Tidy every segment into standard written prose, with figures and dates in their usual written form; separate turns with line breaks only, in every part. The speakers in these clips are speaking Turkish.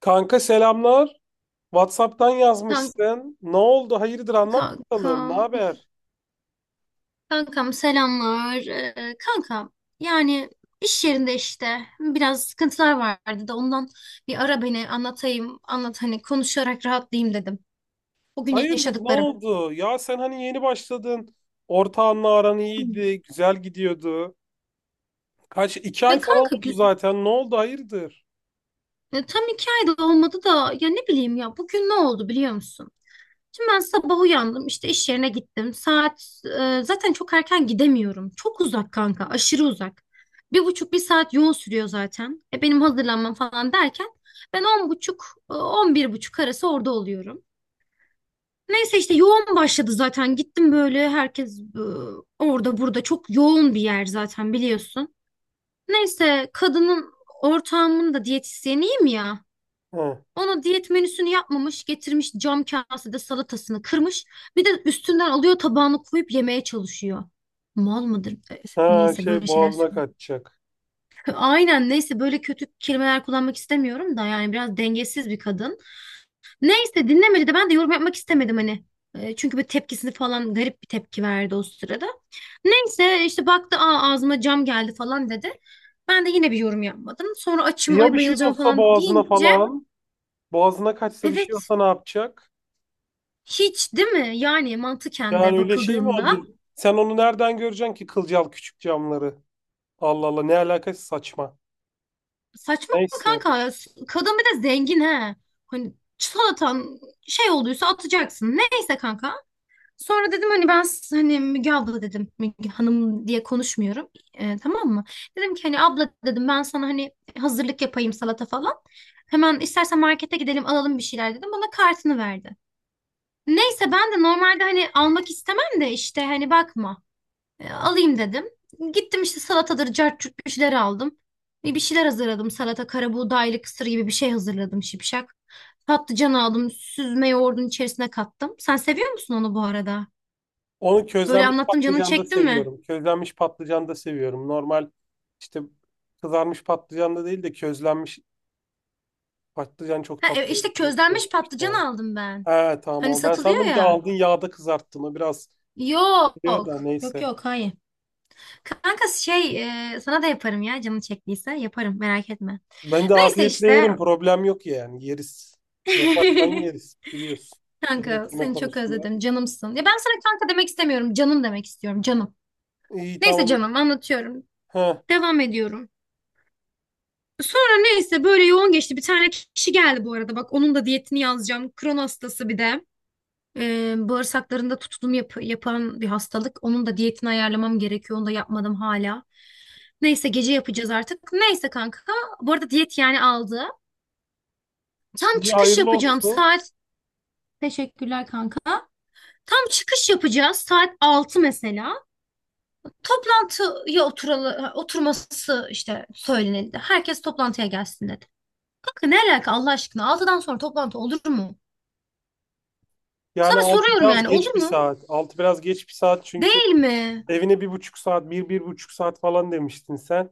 Kanka selamlar. WhatsApp'tan
Kan-
yazmışsın. Ne oldu? Hayırdır, anlat bakalım. Ne
Kankam,
haber?
kankam, selamlar. Kankam, yani iş yerinde işte biraz sıkıntılar vardı da ondan bir ara beni anlatayım, anlat hani konuşarak rahatlayayım dedim. Bugün
Hayırdır, ne
yaşadıklarım.
oldu? Ya sen hani yeni başladın. Ortağınla aran
Hı.
iyiydi. Güzel gidiyordu. Kaç? 2 ay
Ya
falan
kanka
oldu zaten. Ne oldu? Hayırdır?
tam iki ayda olmadı da ya ne bileyim ya bugün ne oldu biliyor musun? Şimdi ben sabah uyandım işte iş yerine gittim. Saat zaten çok erken gidemiyorum. Çok uzak kanka, aşırı uzak. Bir buçuk bir saat yol sürüyor zaten. Benim hazırlanmam falan derken ben 10:30 11:30 arası orada oluyorum. Neyse işte yoğun başladı zaten. Gittim böyle, herkes orada burada, çok yoğun bir yer zaten biliyorsun. Neyse ortağımın da diyetisyeniyim ya.
Hı.
Ona diyet menüsünü yapmamış, getirmiş cam kasede salatasını kırmış. Bir de üstünden alıyor tabağını koyup yemeye çalışıyor. Mal mıdır?
Ha,
Neyse
şey,
böyle şeyler
boğazına
söyleyeyim.
kaçacak.
Aynen neyse böyle kötü kelimeler kullanmak istemiyorum da, yani biraz dengesiz bir kadın. Neyse dinlemedi de ben de yorum yapmak istemedim hani. Çünkü bir tepkisini falan, garip bir tepki verdi o sırada. Neyse işte baktı, Aa, ağzıma cam geldi falan dedi. Ben de yine bir yorum yapmadım. Sonra açım,
Ya
ay
bir şey
bayılacağım
olsa
falan
boğazına
deyince,
falan. Boğazına kaçsa bir şey
evet,
olsa ne yapacak?
hiç değil mi? Yani mantıken
Yani
de
öyle şey mi
bakıldığında
olur? Sen onu nereden göreceksin ki, kılcal küçük camları? Allah Allah, ne alakası, saçma.
saçma
Neyse.
kanka, ya. Kadın bir de zengin he. Hani salatan şey olduysa atacaksın. Neyse kanka. Sonra dedim hani ben hani Müge abla dedim. Müge hanım diye konuşmuyorum. Tamam mı? Dedim ki hani abla dedim, ben sana hani hazırlık yapayım salata falan. Hemen istersen markete gidelim alalım bir şeyler dedim. Bana kartını verdi. Neyse ben de normalde hani almak istemem de, işte hani bakma. Alayım dedim. Gittim işte salatadır, cart curt bir şeyler aldım. Bir şeyler hazırladım. Salata, karabuğdaylı kısır gibi bir şey hazırladım şipşak. Patlıcan aldım. Süzme yoğurdun içerisine kattım. Sen seviyor musun onu bu arada?
Onu
Böyle
közlenmiş
anlattım, canın
patlıcan da
çekti mi?
seviyorum. Közlenmiş patlıcan da seviyorum. Normal işte, kızarmış patlıcan da değil de közlenmiş patlıcan çok
Ha,
tatlı oluyor.
işte
Çok iyi
közlenmiş
oluyor
patlıcan
işte.
aldım ben.
He,
Hani
tamam. Ben
satılıyor
sandım ki
ya.
aldın yağda kızarttın. O biraz diyor
Yok.
da
Yok
neyse.
yok, hayır. Kanka şey, sana da yaparım ya, canın çektiyse yaparım, merak etme.
Ben de
Neyse
afiyetle
işte.
yerim. Problem yok yani. Yeriz. Yaparsan yeriz. Biliyorsun.
Kanka
Yemek yeme
seni çok
konusunda.
özledim. Canımsın. Ya ben sana kanka demek istemiyorum, canım demek istiyorum. Canım.
İyi,
Neyse
tamam.
canım anlatıyorum.
He.
Devam ediyorum. Sonra neyse böyle yoğun geçti. Bir tane kişi geldi bu arada. Bak, onun da diyetini yazacağım. Kron hastası bir de. Bağırsaklarında tutulum yapan bir hastalık. Onun da diyetini ayarlamam gerekiyor. Onu da yapmadım hala. Neyse gece yapacağız artık. Neyse kanka. Bu arada diyet yani aldı. Tam
İyi,
çıkış
hayırlı
yapacağım
olsun.
saat. Teşekkürler kanka. Tam çıkış yapacağız saat 6 mesela. Toplantıya oturalı, oturması işte söylenildi. Herkes toplantıya gelsin dedi. Kanka ne alaka Allah aşkına? Altıdan sonra toplantı olur mu?
Yani
Sana
6
soruyorum
biraz
yani,
geç
olur
bir
mu?
saat. 6 biraz geç bir saat, çünkü
Değil mi?
evine bir buçuk saat, bir, 1,5 saat falan demiştin sen.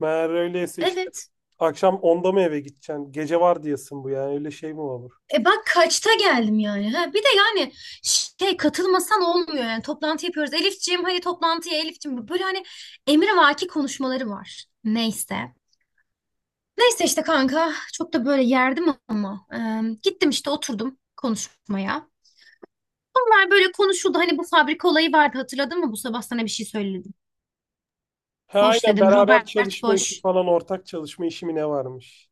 Meğer öyleyse işte
Evet.
akşam 10'da mı eve gideceksin? Gece var diyesin bu yani, öyle şey mi olur?
Bak kaçta geldim yani. Ha, bir de yani şey, katılmasan olmuyor yani. Toplantı yapıyoruz. Elifciğim hadi toplantıya, Elifciğim. Böyle hani emrivaki konuşmaları var. Neyse. Neyse işte kanka, çok da böyle yerdim ama. Gittim işte, oturdum konuşmaya. Bunlar böyle konuşuldu. Hani bu fabrika olayı vardı, hatırladın mı? Bu sabah sana bir şey söyledim.
Ha,
Boş
aynen,
dedim.
beraber
Robert
çalışma işi
Boş.
falan, ortak çalışma işi mi ne varmış?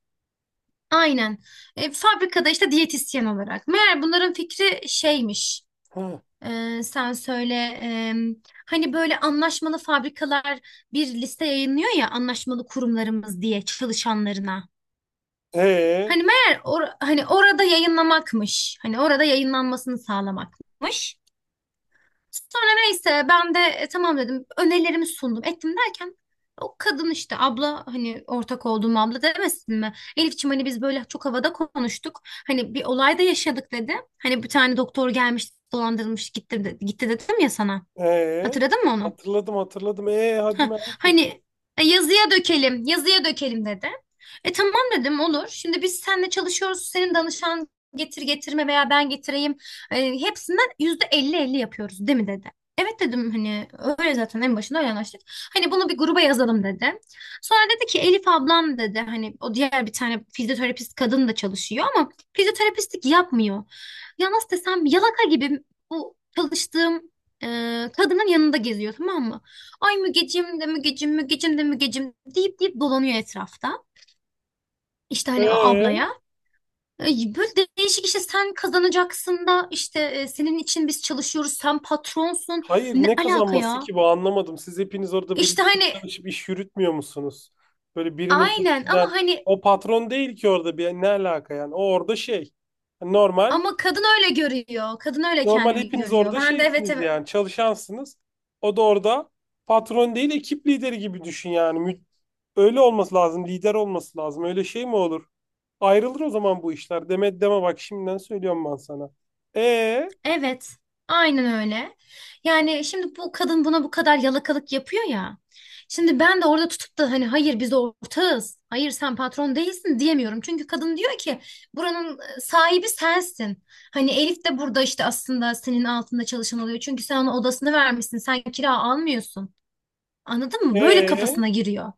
Aynen. Fabrikada işte diyetisyen olarak. Meğer bunların fikri şeymiş.
Ha.
Sen söyle. e, Hani böyle anlaşmalı fabrikalar bir liste yayınlıyor ya, anlaşmalı kurumlarımız diye çalışanlarına.
E
Hani meğer hani orada yayınlamakmış. Hani orada yayınlanmasını sağlamakmış. Sonra neyse ben de tamam dedim, önerilerimi sundum ettim derken o kadın işte abla, hani ortak olduğum abla, demesin mi? Elifçim hani biz böyle çok havada konuştuk, hani bir olay da yaşadık dedi. Hani bir tane doktor gelmiş, dolandırılmış gitti, gitti dedim ya sana,
e
hatırladın mı onu?
hatırladım hatırladım. E, hadi
Heh,
merak et.
hani, yazıya dökelim, yazıya dökelim dedi. Tamam dedim, olur. Şimdi biz seninle çalışıyoruz. Senin danışan getir, getirme veya ben getireyim. Hepsinden %50 %50 yapıyoruz değil mi dedi. Evet dedim, hani öyle zaten en başında öyle anlaştık. Hani bunu bir gruba yazalım dedi. Sonra dedi ki, Elif ablam dedi, hani o diğer bir tane fizyoterapist kadın da çalışıyor ama fizyoterapistlik yapmıyor. Ya nasıl desem, yalaka gibi bu çalıştığım e, kadının yanında geziyor, tamam mı? Ay Mügecim de Mügecim, Mügecim de Mügecim deyip deyip dolanıyor etrafta. İşte hani o
E,
ablaya. Ay, böyle değişik işte, sen kazanacaksın da işte senin için biz çalışıyoruz, sen patronsun.
hayır,
Ne
ne
alaka
kazanması
ya?
ki bu, anlamadım. Siz hepiniz orada
İşte
birlikte
hani
çalışıp iş yürütmüyor musunuz? Böyle birinin
aynen,
peşinden,
ama hani,
o patron değil ki orada, bir ne alaka yani, o orada şey, normal.
ama kadın öyle görüyor. Kadın öyle
Normal,
kendini
hepiniz
görüyor.
orada
Ben de evet
şeysiniz
evet,
yani, çalışansınız. O da orada patron değil, ekip lideri gibi düşün yani. Öyle olması lazım. Lider olması lazım. Öyle şey mi olur? Ayrılır o zaman bu işler. Deme deme, bak şimdiden söylüyorum ben sana. E
evet, aynen öyle. Yani şimdi bu kadın buna bu kadar yalakalık yapıyor ya. Şimdi ben de orada tutup da hani hayır biz ortağız, hayır sen patron değilsin diyemiyorum. Çünkü kadın diyor ki buranın sahibi sensin. Hani Elif de burada işte aslında senin altında çalışan oluyor. Çünkü sen ona odasını vermişsin, sen kira almıyorsun. Anladın mı? Böyle
e
kafasına giriyor.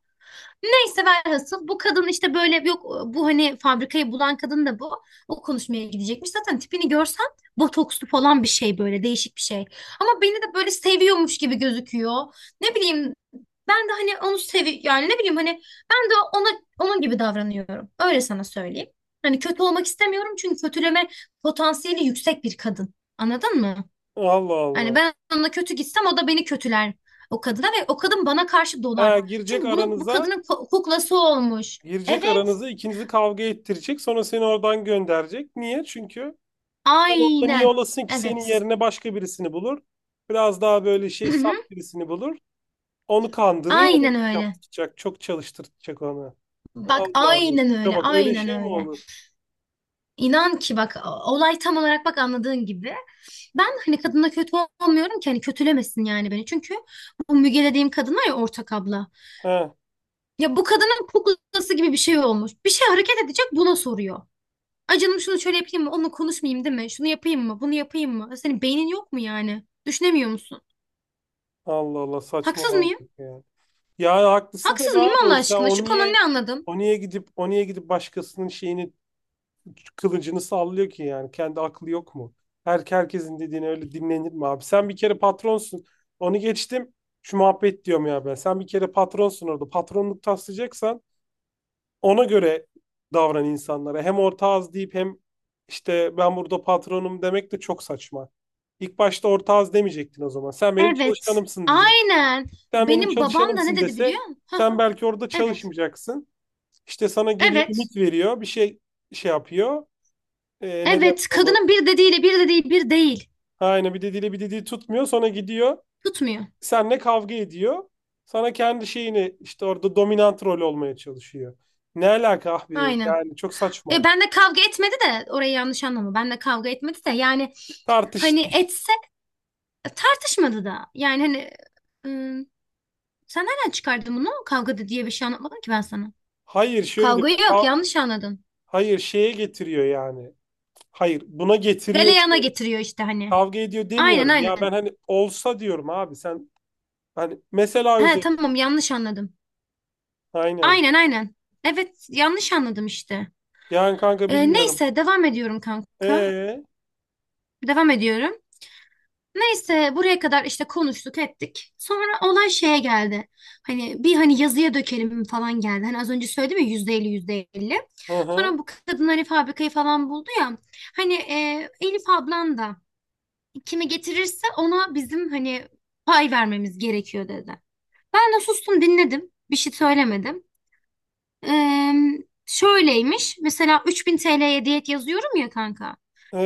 Neyse velhasıl bu kadın işte böyle, yok, bu hani fabrikayı bulan kadın da bu. O konuşmaya gidecekmiş. Zaten tipini görsen, botokslu falan bir şey, böyle değişik bir şey. Ama beni de böyle seviyormuş gibi gözüküyor. Ne bileyim, ben de hani onu sevi yani, ne bileyim hani, ben de ona onun gibi davranıyorum. Öyle sana söyleyeyim. Hani kötü olmak istemiyorum çünkü kötüleme potansiyeli yüksek bir kadın. Anladın mı?
Allah
Hani
Allah.
ben onunla kötü gitsem, o da beni kötüler o kadına ve o kadın bana karşı
Ha,
dolar.
girecek
Çünkü bunun bu
aranıza
kadının kuklası olmuş.
girecek
Evet,
aranıza ikinizi kavga ettirecek. Sonra seni oradan gönderecek. Niye? Çünkü sen orada niye
aynen.
olasın ki, senin
Evet.
yerine başka birisini bulur. Biraz daha böyle şey,
Hı
saf
hı.
birisini bulur. Onu kandırır, onu
Aynen öyle.
yaptıracak. Çok çalıştıracak onu.
Bak
Allah Allah.
aynen
Ya
öyle,
bak, öyle
aynen
şey mi
öyle.
olur?
İnan ki bak olay tam olarak bak anladığın gibi. Ben hani kadına kötü olmuyorum ki hani kötülemesin yani beni. Çünkü bu Müge dediğim kadın var ya, ortak abla.
He.
Ya bu kadının kuklası gibi bir şey olmuş. Bir şey hareket edecek buna soruyor. Ay canım şunu şöyle yapayım mı? Onunla konuşmayayım değil mi? Şunu yapayım mı? Bunu yapayım mı? Senin beynin yok mu yani? Düşünemiyor musun?
Allah Allah,
Haksız mıyım?
saçmaladık ya. Ya, haklısın
Haksız
tabii
mıyım Allah
abi. Sen
aşkına?
o
Şu konu
niye
ne anladım?
o niye gidip o niye gidip başkasının şeyini, kılıcını sallıyor ki yani? Kendi aklı yok mu? Herkesin dediğini öyle dinlenir mi abi? Sen bir kere patronsun. Onu geçtim. Şu muhabbet diyorum ya ben. Sen bir kere patronsun orada. Patronluk taslayacaksan ona göre davran insanlara. Hem orta az deyip hem işte ben burada patronum demek de çok saçma. İlk başta orta az demeyecektin o zaman. Sen benim
Evet.
çalışanımsın diyecek.
Aynen.
Sen benim
Benim babam da ne
çalışanımsın
dedi
dese,
biliyor musun? Hah,
sen belki orada
evet.
çalışmayacaksın. İşte sana geliyor,
Evet.
ümit veriyor. Bir şey yapıyor. Ne derler
Evet.
onu?
Kadının bir dediğiyle bir de değil, bir değil.
Aynen, bir dediğiyle bir dediği tutmuyor. Sonra gidiyor.
Tutmuyor.
Seninle kavga ediyor. Sana kendi şeyini, işte orada dominant rol olmaya çalışıyor. Ne alaka abi?
Aynen.
Yani çok saçma.
Ben de kavga etmedi de, orayı yanlış anlama. Ben de kavga etmedi de yani,
Tartış
hani etse, tartışmadı da. Yani hani ıı, sen nereden çıkardın bunu? Kavgada diye bir şey anlatmadım ki ben sana.
Hayır, şöyle diyor.
Kavga yok, yanlış anladın.
Hayır, şeye getiriyor yani. Hayır, buna getiriyor
Galeyana
diyorum.
getiriyor işte hani.
Kavga ediyor
Aynen
demiyorum. Ya ben
aynen.
hani olsa diyorum abi sen, hani mesela
He
üzerine,
tamam, yanlış anladım.
aynen.
Aynen aynen. Evet, yanlış anladım işte.
Yani kanka bilmiyorum.
Neyse devam ediyorum kanka.
Ee.
Devam ediyorum. Neyse buraya kadar işte konuştuk ettik. Sonra olay şeye geldi. Hani bir, hani yazıya dökelim falan geldi. Hani az önce söyledim ya, %50 %50.
Hı hı.
Sonra bu kadın hani fabrikayı falan buldu ya. Hani Elif ablan da kimi getirirse ona bizim hani pay vermemiz gerekiyor dedi. Ben de sustum, dinledim. Bir şey söylemedim. Ee, Şöyleymiş. Mesela 3.000 TL'ye diyet yazıyorum ya kanka.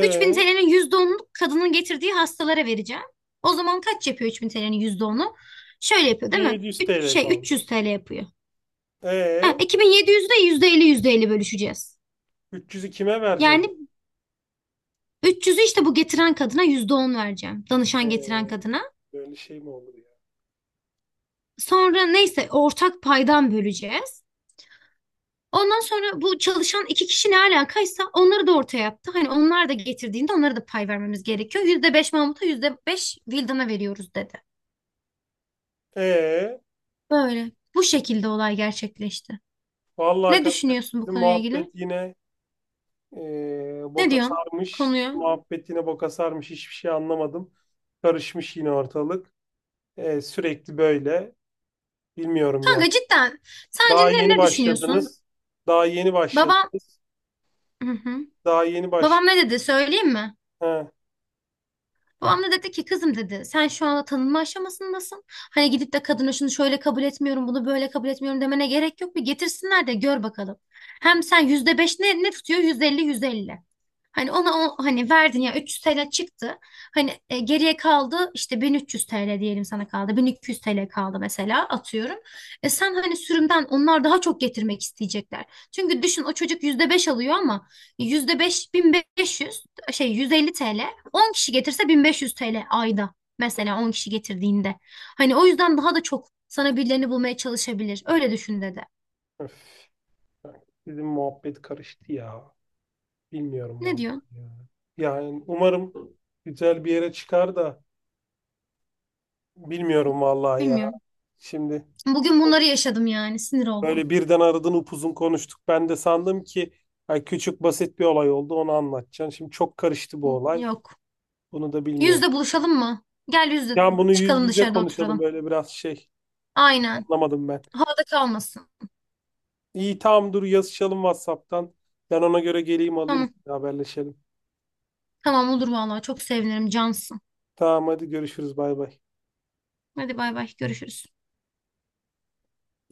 3.000 TL'nin %10'unu kadının getirdiği hastalara vereceğim. O zaman kaç yapıyor 3.000 TL'nin onu? Şöyle yapıyor değil mi?
1700
3,
TL
şey,
kaldı.
300 TL yapıyor. Ha,
E,
iki bin yedi yüzde %50 %50 bölüşeceğiz.
300'ü kime
Yani
vereceksin?
300'ü işte bu getiren kadına %10 vereceğim. Danışan
E,
getiren kadına.
böyle şey mi olur ya?
Sonra neyse ortak paydan böleceğiz. Ondan sonra bu çalışan iki kişi, ne alakaysa, onları da ortaya yaptı. Hani onlar da getirdiğinde onlara da pay vermemiz gerekiyor. Yüzde beş Mahmut'a, %5 Vildan'a veriyoruz dedi.
Ee.
Böyle. Bu şekilde olay gerçekleşti.
Vallahi
Ne
kanka
düşünüyorsun bu
bizim
konuya
muhabbet
ilgili?
yine
Ne
boka
diyorsun
sarmış.
konuya?
Muhabbet yine boka sarmış. Hiçbir şey anlamadım. Karışmış yine ortalık. E, sürekli böyle. Bilmiyorum ya.
Kanka cidden. Sence
Daha yeni
ne düşünüyorsun?
başladınız. Daha yeni
Babam...
başladınız.
Hı hı.
Daha yeni baş.
Babam ne dedi söyleyeyim mi?
Ha.
Babam da dedi ki, kızım dedi, sen şu anda tanınma aşamasındasın. Hani gidip de kadına şunu şöyle kabul etmiyorum, bunu böyle kabul etmiyorum demene gerek yok. Bir getirsinler de gör bakalım. Hem sen yüzde beş ne tutuyor? %50 %50. Hani ona o, hani verdin ya, 300 TL çıktı. Hani geriye kaldı işte 1.300 TL diyelim, sana kaldı. 1.200 TL kaldı mesela, atıyorum. Sen hani sürümden onlar daha çok getirmek isteyecekler. Çünkü düşün o çocuk %5 alıyor ama yüzde beş, 1.500, şey, 150 TL. 10 kişi getirse 1.500 TL ayda, mesela 10 kişi getirdiğinde. Hani o yüzden daha da çok sana birilerini bulmaya çalışabilir. Öyle düşün dedi.
Öf. Bizim muhabbet karıştı ya. Bilmiyorum
Ne diyorsun?
vallahi ya. Yani umarım güzel bir yere çıkar da, bilmiyorum vallahi ya.
Bilmiyorum.
Şimdi
Bugün bunları yaşadım yani, sinir oldum.
böyle birden aradın, upuzun konuştuk. Ben de sandım ki ay, küçük basit bir olay oldu, onu anlatacaksın. Şimdi çok karıştı bu olay.
Yok.
Bunu da bilmiyorum.
Yüzde buluşalım mı? Gel yüzde
Yani bunu yüz
çıkalım,
yüze
dışarıda
konuşalım,
oturalım.
böyle biraz şey,
Aynen.
anlamadım ben.
Havada kalmasın.
İyi, tamam, dur yazışalım WhatsApp'tan. Ben ona göre geleyim alayım,
Tamam.
haberleşelim.
Tamam olur vallahi, çok sevinirim, cansın.
Tamam, hadi görüşürüz, bay bay.
Hadi bay bay, görüşürüz.